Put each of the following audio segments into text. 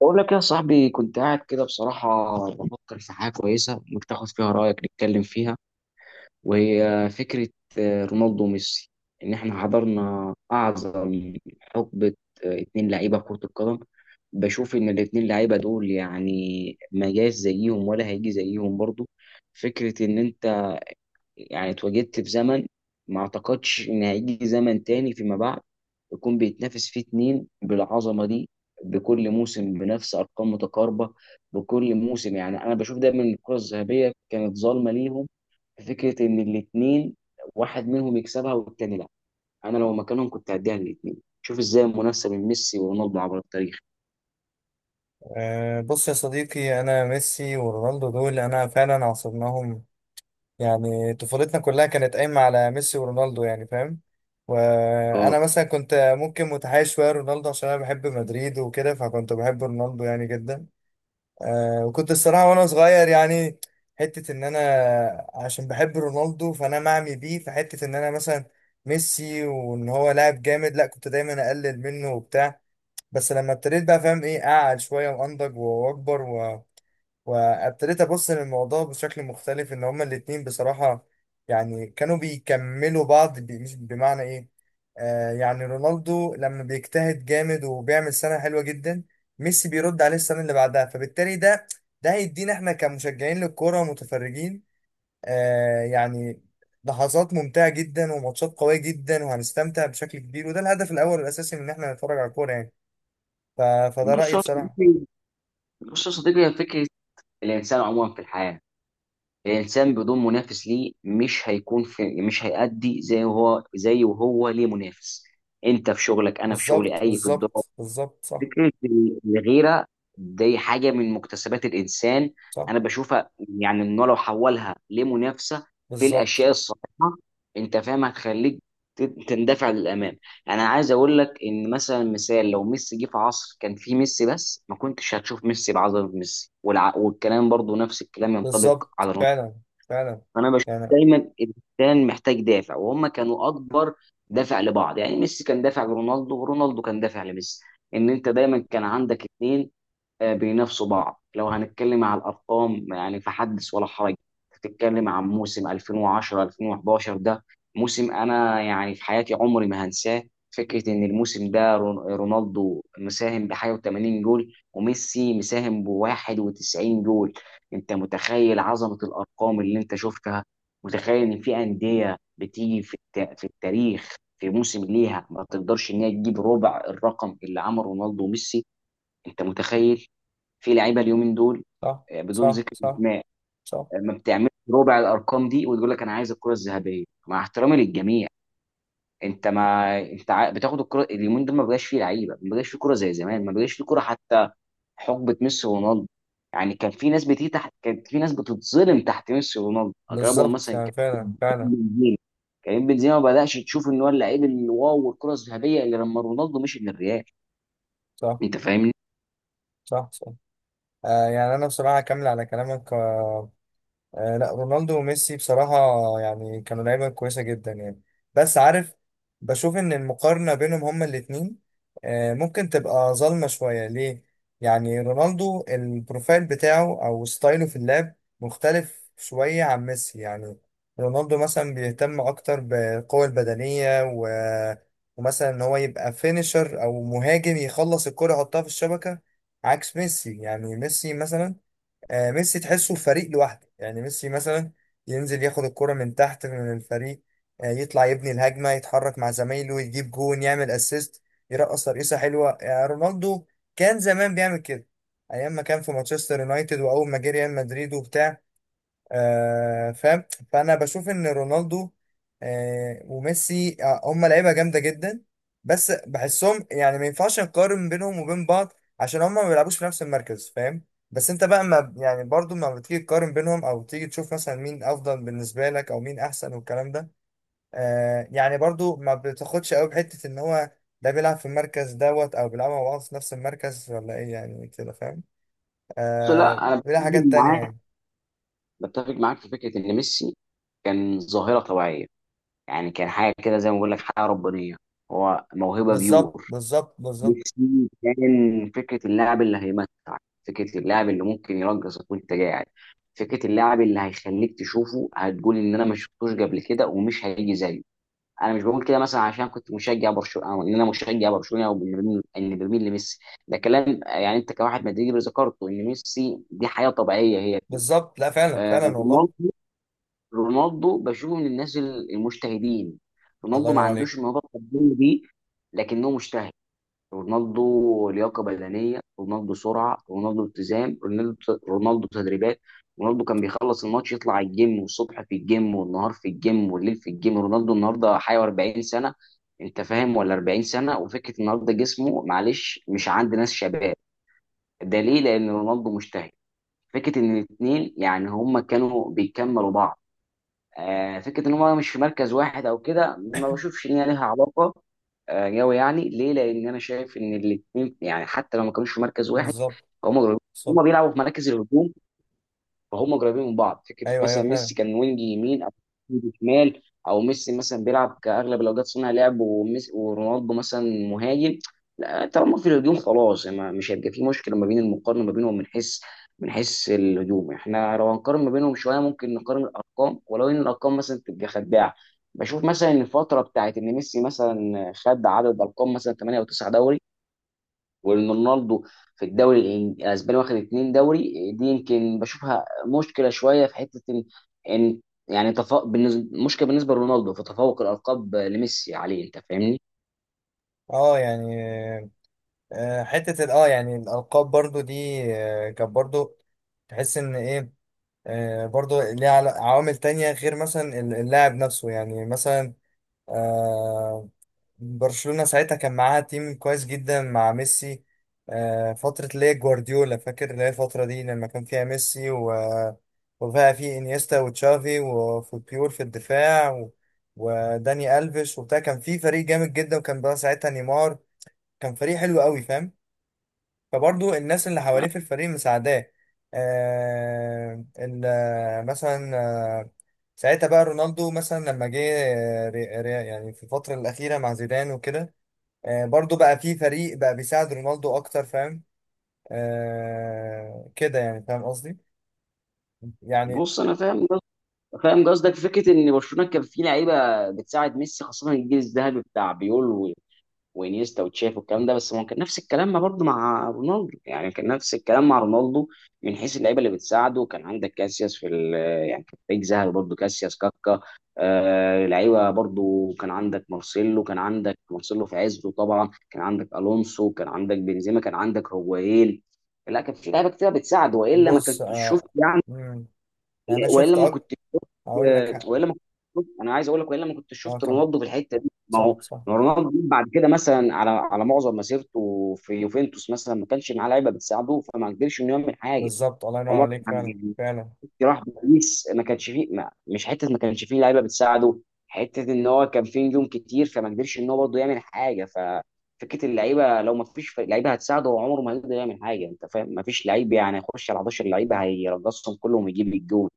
بقول لك يا صاحبي، كنت قاعد كده بصراحة بفكر في حاجة كويسة ممكن تاخد فيها رأيك نتكلم فيها. وهي فكرة رونالدو وميسي. إن إحنا حضرنا أعظم حقبة اتنين لعيبة كرة القدم. بشوف إن الاتنين لعيبة دول يعني ما جاش زيهم ولا هيجي زيهم برضه. فكرة إن أنت يعني اتواجدت في زمن ما اعتقدش ان هيجي زمن تاني فيما بعد يكون بيتنافس فيه اتنين بالعظمه دي بكل موسم بنفس ارقام متقاربه. بكل موسم يعني انا بشوف دايما إن الكره الذهبيه كانت ظالمه ليهم. في فكره ان الاتنين واحد منهم يكسبها والتاني لا. انا لو مكانهم كنت هديها للاتنين. شوف ازاي المنافسه بين ميسي ورونالدو عبر التاريخ. بص يا صديقي، انا ميسي ورونالدو دول انا فعلا عاصرناهم. يعني طفولتنا كلها كانت قايمه على ميسي ورونالدو، يعني فاهم. اه. وانا مثلا كنت ممكن متحيز شويه رونالدو عشان انا بحب مدريد وكده، فكنت بحب رونالدو يعني جدا. أه، وكنت الصراحه وانا صغير يعني حته ان انا عشان بحب رونالدو فانا معمي بيه في حته ان انا مثلا ميسي وان هو لاعب جامد لا، كنت دايما اقلل منه وبتاع. بس لما ابتديت بقى فاهم ايه، قاعد شويه وانضج واكبر وابتديت ابص للموضوع بشكل مختلف، ان هما الاتنين بصراحه يعني كانوا بيكملوا بعض، مش بمعنى ايه. يعني رونالدو لما بيجتهد جامد وبيعمل سنه حلوه جدا، ميسي بيرد عليه السنه اللي بعدها. فبالتالي ده، ده هيدينا احنا كمشجعين للكوره ومتفرجين آه يعني لحظات ممتعه جدا وماتشات قويه جدا، وهنستمتع بشكل كبير. وده الهدف الاول والاساسي من ان احنا نتفرج على الكوره يعني. ف... فده بص رأيي يا بصراحة. صديقي بص يا صديقي، هي فكره. الانسان عموما في الحياه، الانسان بدون منافس ليه مش هيكون في مش هيأدي زي هو، زي وهو ليه منافس. انت في شغلك، انا في شغلي، بالظبط اي في الدور. بالظبط بالظبط صح. فكره الغيره دي حاجه من مكتسبات الانسان، صح. انا بشوفها، يعني انه لو حولها لمنافسه في بالظبط الاشياء الصحيحه انت فاهم هتخليك تندفع للامام. انا عايز اقول لك ان مثلا مثال لو ميسي جه في عصر كان فيه ميسي بس ما كنتش هتشوف ميسي بعظمه ميسي، والكلام برضو نفس الكلام ينطبق بالظبط، على رونالدو. فعلا فعلا انا بشوف يعني. دايما الانسان محتاج دافع، وهم كانوا اكبر دافع لبعض. يعني ميسي كان دافع لرونالدو، ورونالدو كان دافع لميسي. ان انت دايما كان عندك اتنين بينافسوا بعض. لو هنتكلم على الارقام يعني فحدث ولا حرج. تتكلم عن موسم 2010 2011، ده موسم انا يعني في حياتي عمري ما هنساه. فكره ان الموسم ده رونالدو مساهم بحاجه و80 جول، وميسي مساهم ب 91 جول. انت متخيل عظمه الارقام اللي انت شفتها؟ متخيل ان في انديه بتيجي في في التاريخ في موسم ليها ما تقدرش ان هي تجيب ربع الرقم اللي عمله رونالدو وميسي؟ انت متخيل؟ في لعيبه اليومين دول، صح. بدون صح. ذكر صح. اسماء، صح. ما بتعملش ربع الارقام دي وتقول لك انا عايز الكره الذهبيه، مع احترامي للجميع. انت ما انت بتاخد الكره اليومين دول ما بقاش فيه لعيبه، ما بقاش فيه كره زي زمان، ما بقاش فيه كره حتى. حقبه ميسي ورونالدو يعني كان في ناس بتيجي تحت، كانت في ناس بتتظلم تحت ميسي ورونالدو. اقربهم بالظبط مثلا يعني كان فعلا فعلا. بنزيما، كريم بنزيما، ما بدأش تشوف ان هو اللعيب الواو والكره الذهبيه اللي لما رونالدو مشي للريال. صح. انت فاهمني؟ صح. صح. آه يعني أنا بصراحة أكمل على كلامك. آه لا، رونالدو وميسي بصراحة يعني كانوا لعيبة كويسة جدا يعني. بس عارف، بشوف إن المقارنة بينهم هما الاتنين آه ممكن تبقى ظالمة شوية ليه؟ يعني رونالدو البروفايل بتاعه أو ستايله في اللعب مختلف شوية عن ميسي يعني. رونالدو مثلا بيهتم أكتر بالقوة البدنية ومثلا إن هو يبقى فينيشر أو مهاجم، يخلص الكرة يحطها في الشبكة. عكس ميسي يعني. ميسي مثلا، ميسي تحسه فريق لوحده. يعني ميسي مثلا ينزل ياخد الكرة من تحت من الفريق، يطلع يبني الهجمة، يتحرك مع زمايله، يجيب جون، يعمل اسيست، يرقص ترقيصة حلوة. يعني رونالدو كان زمان بيعمل كده، ايام ما كان في مانشستر يونايتد واول ما جه ريال مدريد وبتاع. آه فاهم. فانا بشوف ان رونالدو آه وميسي آه هم لعيبه جامده جدا، بس بحسهم يعني ما ينفعش نقارن بينهم وبين بعض عشان هم ما بيلعبوش في نفس المركز، فاهم. بس انت بقى ما يعني برضو ما بتيجي تقارن بينهم او تيجي تشوف مثلا مين افضل بالنسبه لك او مين احسن والكلام ده، آه يعني برضو ما بتاخدش قوي بحته ان هو ده بيلعب في المركز دوت او بيلعبوا مع بعض في نفس المركز ولا ايه يعني، كده فاهم. بص، آه لا انا بيلعب حاجات تانية يعني. بتفق معاك في فكره ان ميسي كان ظاهره طبيعيه، يعني كان حاجه كده زي ما بقول لك حاجه ربانيه. هو موهبه بالظبط بيور. بالظبط بالظبط نفسي كان فكرة اللاعب اللي هيمتعك، فكرة اللاعب اللي ممكن يرقصك وانت قاعد، فكرة اللاعب اللي هيخليك تشوفه هتقول ان انا ما شفتوش قبل كده ومش هيجي زيه. انا مش بقول كده مثلا عشان كنت مشجع برشلونة، او ان انا مشجع برشلونة، او إن برميل لميسي. ده كلام يعني انت كواحد مدريدي ذكرته ان ميسي دي حياة طبيعية هي فيه. بالظبط لا فعلا آه، فعلا والله. رونالدو رونالدو بشوفه من الناس المجتهدين. الله رونالدو ما ينور عليك. عندوش الموهبة الفردية دي، لكنه مجتهد. رونالدو لياقه بدنيه، رونالدو سرعه، رونالدو التزام، رونالدو تدريبات. رونالدو كان بيخلص الماتش يطلع على الجيم، والصبح في الجيم والنهار في الجيم والليل في الجيم. رونالدو النهارده حي 40 سنه. انت فاهم ولا 40 سنه؟ وفكره النهارده جسمه، معلش، مش عند ناس شباب. ده ليه؟ لان رونالدو مجتهد. فكره ان الاثنين يعني هما كانوا بيكملوا بعض. فكره ان هم مش في مركز واحد او كده، ما بشوفش ان هي ليها علاقه قوي. يعني ليه؟ لان انا شايف ان الاثنين يعني حتى لو ما كانوش في مركز واحد، بالظبط هم بالظبط. هم بيلعبوا في مراكز الهجوم، فهم قريبين من بعض. فكره ايوه ايوه مثلا فعلا. ميسي كان وينج يمين او وينج شمال، او ميسي مثلا بيلعب كاغلب الاوقات صانع لعب، وميسي ورونالدو مثلا مهاجم. لا، طالما في الهجوم خلاص يعني مش هيبقى في مشكله ما بين المقارنه ما بينهم من حيث من حيث الهجوم. احنا لو هنقارن ما بينهم شويه ممكن نقارن الارقام، ولو ان الارقام مثلا تبقى خداعه. بشوف مثلا ان الفتره بتاعت ان ميسي مثلا خد عدد ارقام مثلا 8 او 9 دوري، وان رونالدو في الدوري الاسباني واخد اتنين دوري، دي يمكن بشوفها مشكله شويه في حته ان يعني تفوق بالنسبه، مشكله بالنسبه لرونالدو في تفوق الالقاب لميسي عليه. انت فاهمني؟ اه يعني، آه، حته ال- اه يعني الالقاب برضو دي آه كانت برضو تحس ان ايه، آه برضو ليها عوامل تانية غير مثلا اللاعب نفسه يعني. مثلا آه، برشلونة ساعتها كان معاها تيم كويس جدا مع ميسي. آه، فترة اللي هي جوارديولا، فاكر اللي هي الفترة دي لما كان فيها ميسي وفيها في انيستا وتشافي وفوتبيول في الدفاع وداني ألفيش وبتاع، كان في فريق جامد جدا. وكان بقى ساعتها نيمار، كان فريق حلو قوي فاهم. فبرضه الناس اللي حواليه في الفريق مساعداه. آه... ال... مثلا آه، ساعتها بقى رونالدو مثلا لما جه آه، يعني في الفترة الأخيرة مع زيدان وكده، آه برضو بقى في فريق بقى بيساعد رونالدو اكتر فاهم. آه كده يعني، فاهم قصدي يعني. بص انا فاهم قصدك. فكره ان برشلونه كان في لعيبه بتساعد ميسي، خاصه الجيل الذهبي بتاع بيول وانيستا وتشافي والكلام ده. بس ما هو كان نفس الكلام ما برضه مع رونالدو، يعني كان نفس الكلام مع رونالدو من حيث اللعيبه اللي بتساعده. كان عندك كاسياس يعني كان فريق ذهبي برضه. كاسياس، كاكا، آه لعيبه برضه. كان عندك مارسيلو في عزه طبعا، كان عندك الونسو، كان عندك بنزيما، كان عندك هوايين. لا كان في لعيبه كتير بتساعد والا ما بص كنت تشوف. آه مم، يعني انا لا، شفت اكتر. هقول لك حق. والا ما كنت شفت. انا عايز اقول لك، والا ما كنت اه شفت كم، رونالدو في الحته دي. صح صح. ما هو رونالدو بعد كده مثلا، على معظم مسيرته في يوفنتوس مثلا ما كانش معاه لعيبه بتساعده، فما قدرش انه يعمل حاجه. بالظبط. الله ينور عمر عليك، فعلا يعني فعلا. راح باريس، ما كانش فيه لعيبه بتساعده. حته ان هو كان فيه نجوم كتير فما قدرش ان هو برضه يعمل حاجه. ففكره اللعيبه، لو ما فيش لعيبه هتساعده، هو عمره ما هيقدر يعمل حاجه. انت فاهم ما فيش لعيب؟ يعني هيخش على 11 لعيبه هيرقصهم كلهم ويجيب الجول؟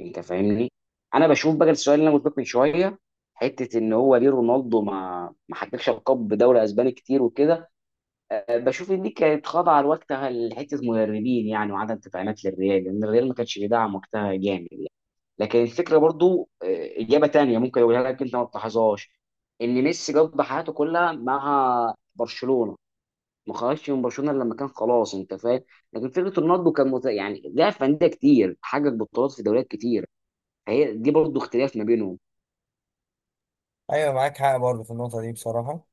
انت فاهمني. انا بشوف بقى السؤال اللي انا قلت لك من شويه حته ان هو ليه رونالدو ما حققش القاب بدوري اسباني كتير وكده. بشوف ان دي كانت خاضعه لوقتها لحته مدربين، يعني وعدم تدعيمات للريال، لان الريال ما كانش بيدعم وقتها جامد يعني. لكن الفكره برضو، اجابه تانية ممكن اقولها لك انت ما تلاحظهاش، ان ميسي قضى حياته كلها مع برشلونه، ما خرجش من برشلونه إلا لما كان خلاص، انت فاهم. لكن فكره رونالدو كان يعني لعب في انديه كتير، حقق بطولات في دوريات كتير. هي دي برضه اختلاف ما بينهم. ايوه معاك حق برضو في النقطه دي بصراحه.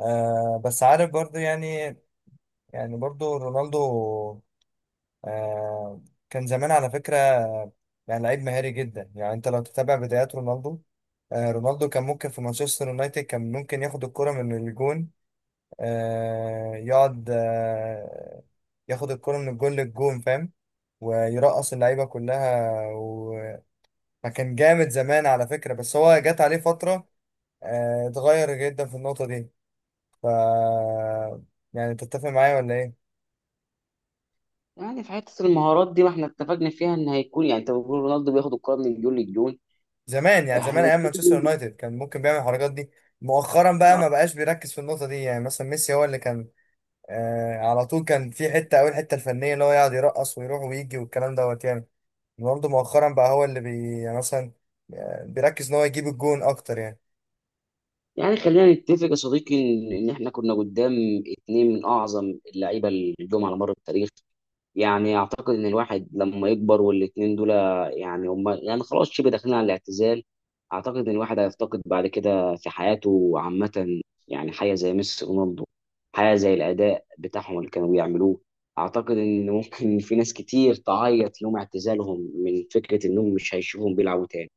آه بس عارف برضو يعني، يعني برضو رونالدو آه كان زمان على فكرة آه، يعني لعيب مهاري جدا. يعني انت لو تتابع بدايات رونالدو آه، رونالدو كان ممكن في مانشستر يونايتد كان ممكن ياخد الكرة من الجون، آه يقعد آه ياخد الكرة من الجون للجون، فاهم، ويرقص اللعيبة كلها، وكان جامد زمان على فكرة. بس هو جات عليه فترة آه اتغير جدا في النقطة دي. ف يعني تتفق معايا ولا ايه؟ يعني في حته المهارات دي ما احنا اتفقنا فيها ان هيكون، يعني انت بتقول رونالدو بياخد الكره من جون للجون. زمان يعني زمان احنا ايام مانشستر بنتكلم- يونايتد كان ممكن بيعمل الحركات دي. مؤخرا بقى ما بقاش بيركز في النقطه دي. يعني مثلا ميسي هو اللي كان آه على طول كان في حته قوي، الحته الفنيه اللي هو يقعد يرقص ويروح ويجي والكلام دوت يعني. رونالدو مؤخرا بقى هو اللي بي يعني مثلا آه بيركز ان هو يجيب الجون اكتر يعني. يعني خلينا نتفق يا صديقي ان احنا كنا قدام اتنين من اعظم اللعيبه اللي جم على مر التاريخ. يعني اعتقد ان الواحد لما يكبر، والاتنين دول يعني هم، يعني خلاص شبه داخلين على الاعتزال. اعتقد ان الواحد هيفتقد بعد كده في حياته عامة، يعني حاجة زي ميسي، رونالدو، حاجة زي الاداء بتاعهم اللي كانوا بيعملوه. اعتقد ان ممكن في ناس كتير تعيط يوم اعتزالهم من فكرة انهم مش هيشوفهم بيلعبوا تاني.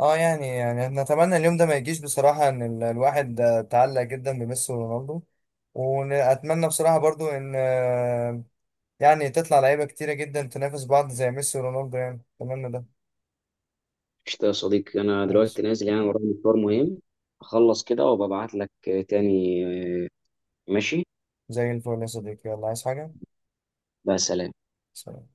اه يعني، يعني نتمنى اليوم ده ما يجيش بصراحه، ان الواحد آه تعلق جدا بميسي ورونالدو. واتمنى بصراحه برضو ان آه يعني تطلع لعيبه كتيره جدا تنافس بعض زي ميسي ورونالدو، يعني اتمنى ده. قشطة يا صديقي، انا ماشي، دلوقتي نازل يعني ورايا مشوار مهم. اخلص كده وببعت لك تاني. ماشي. زي الفل يا صديقي، يلا عايز حاجة؟ بس. سلام.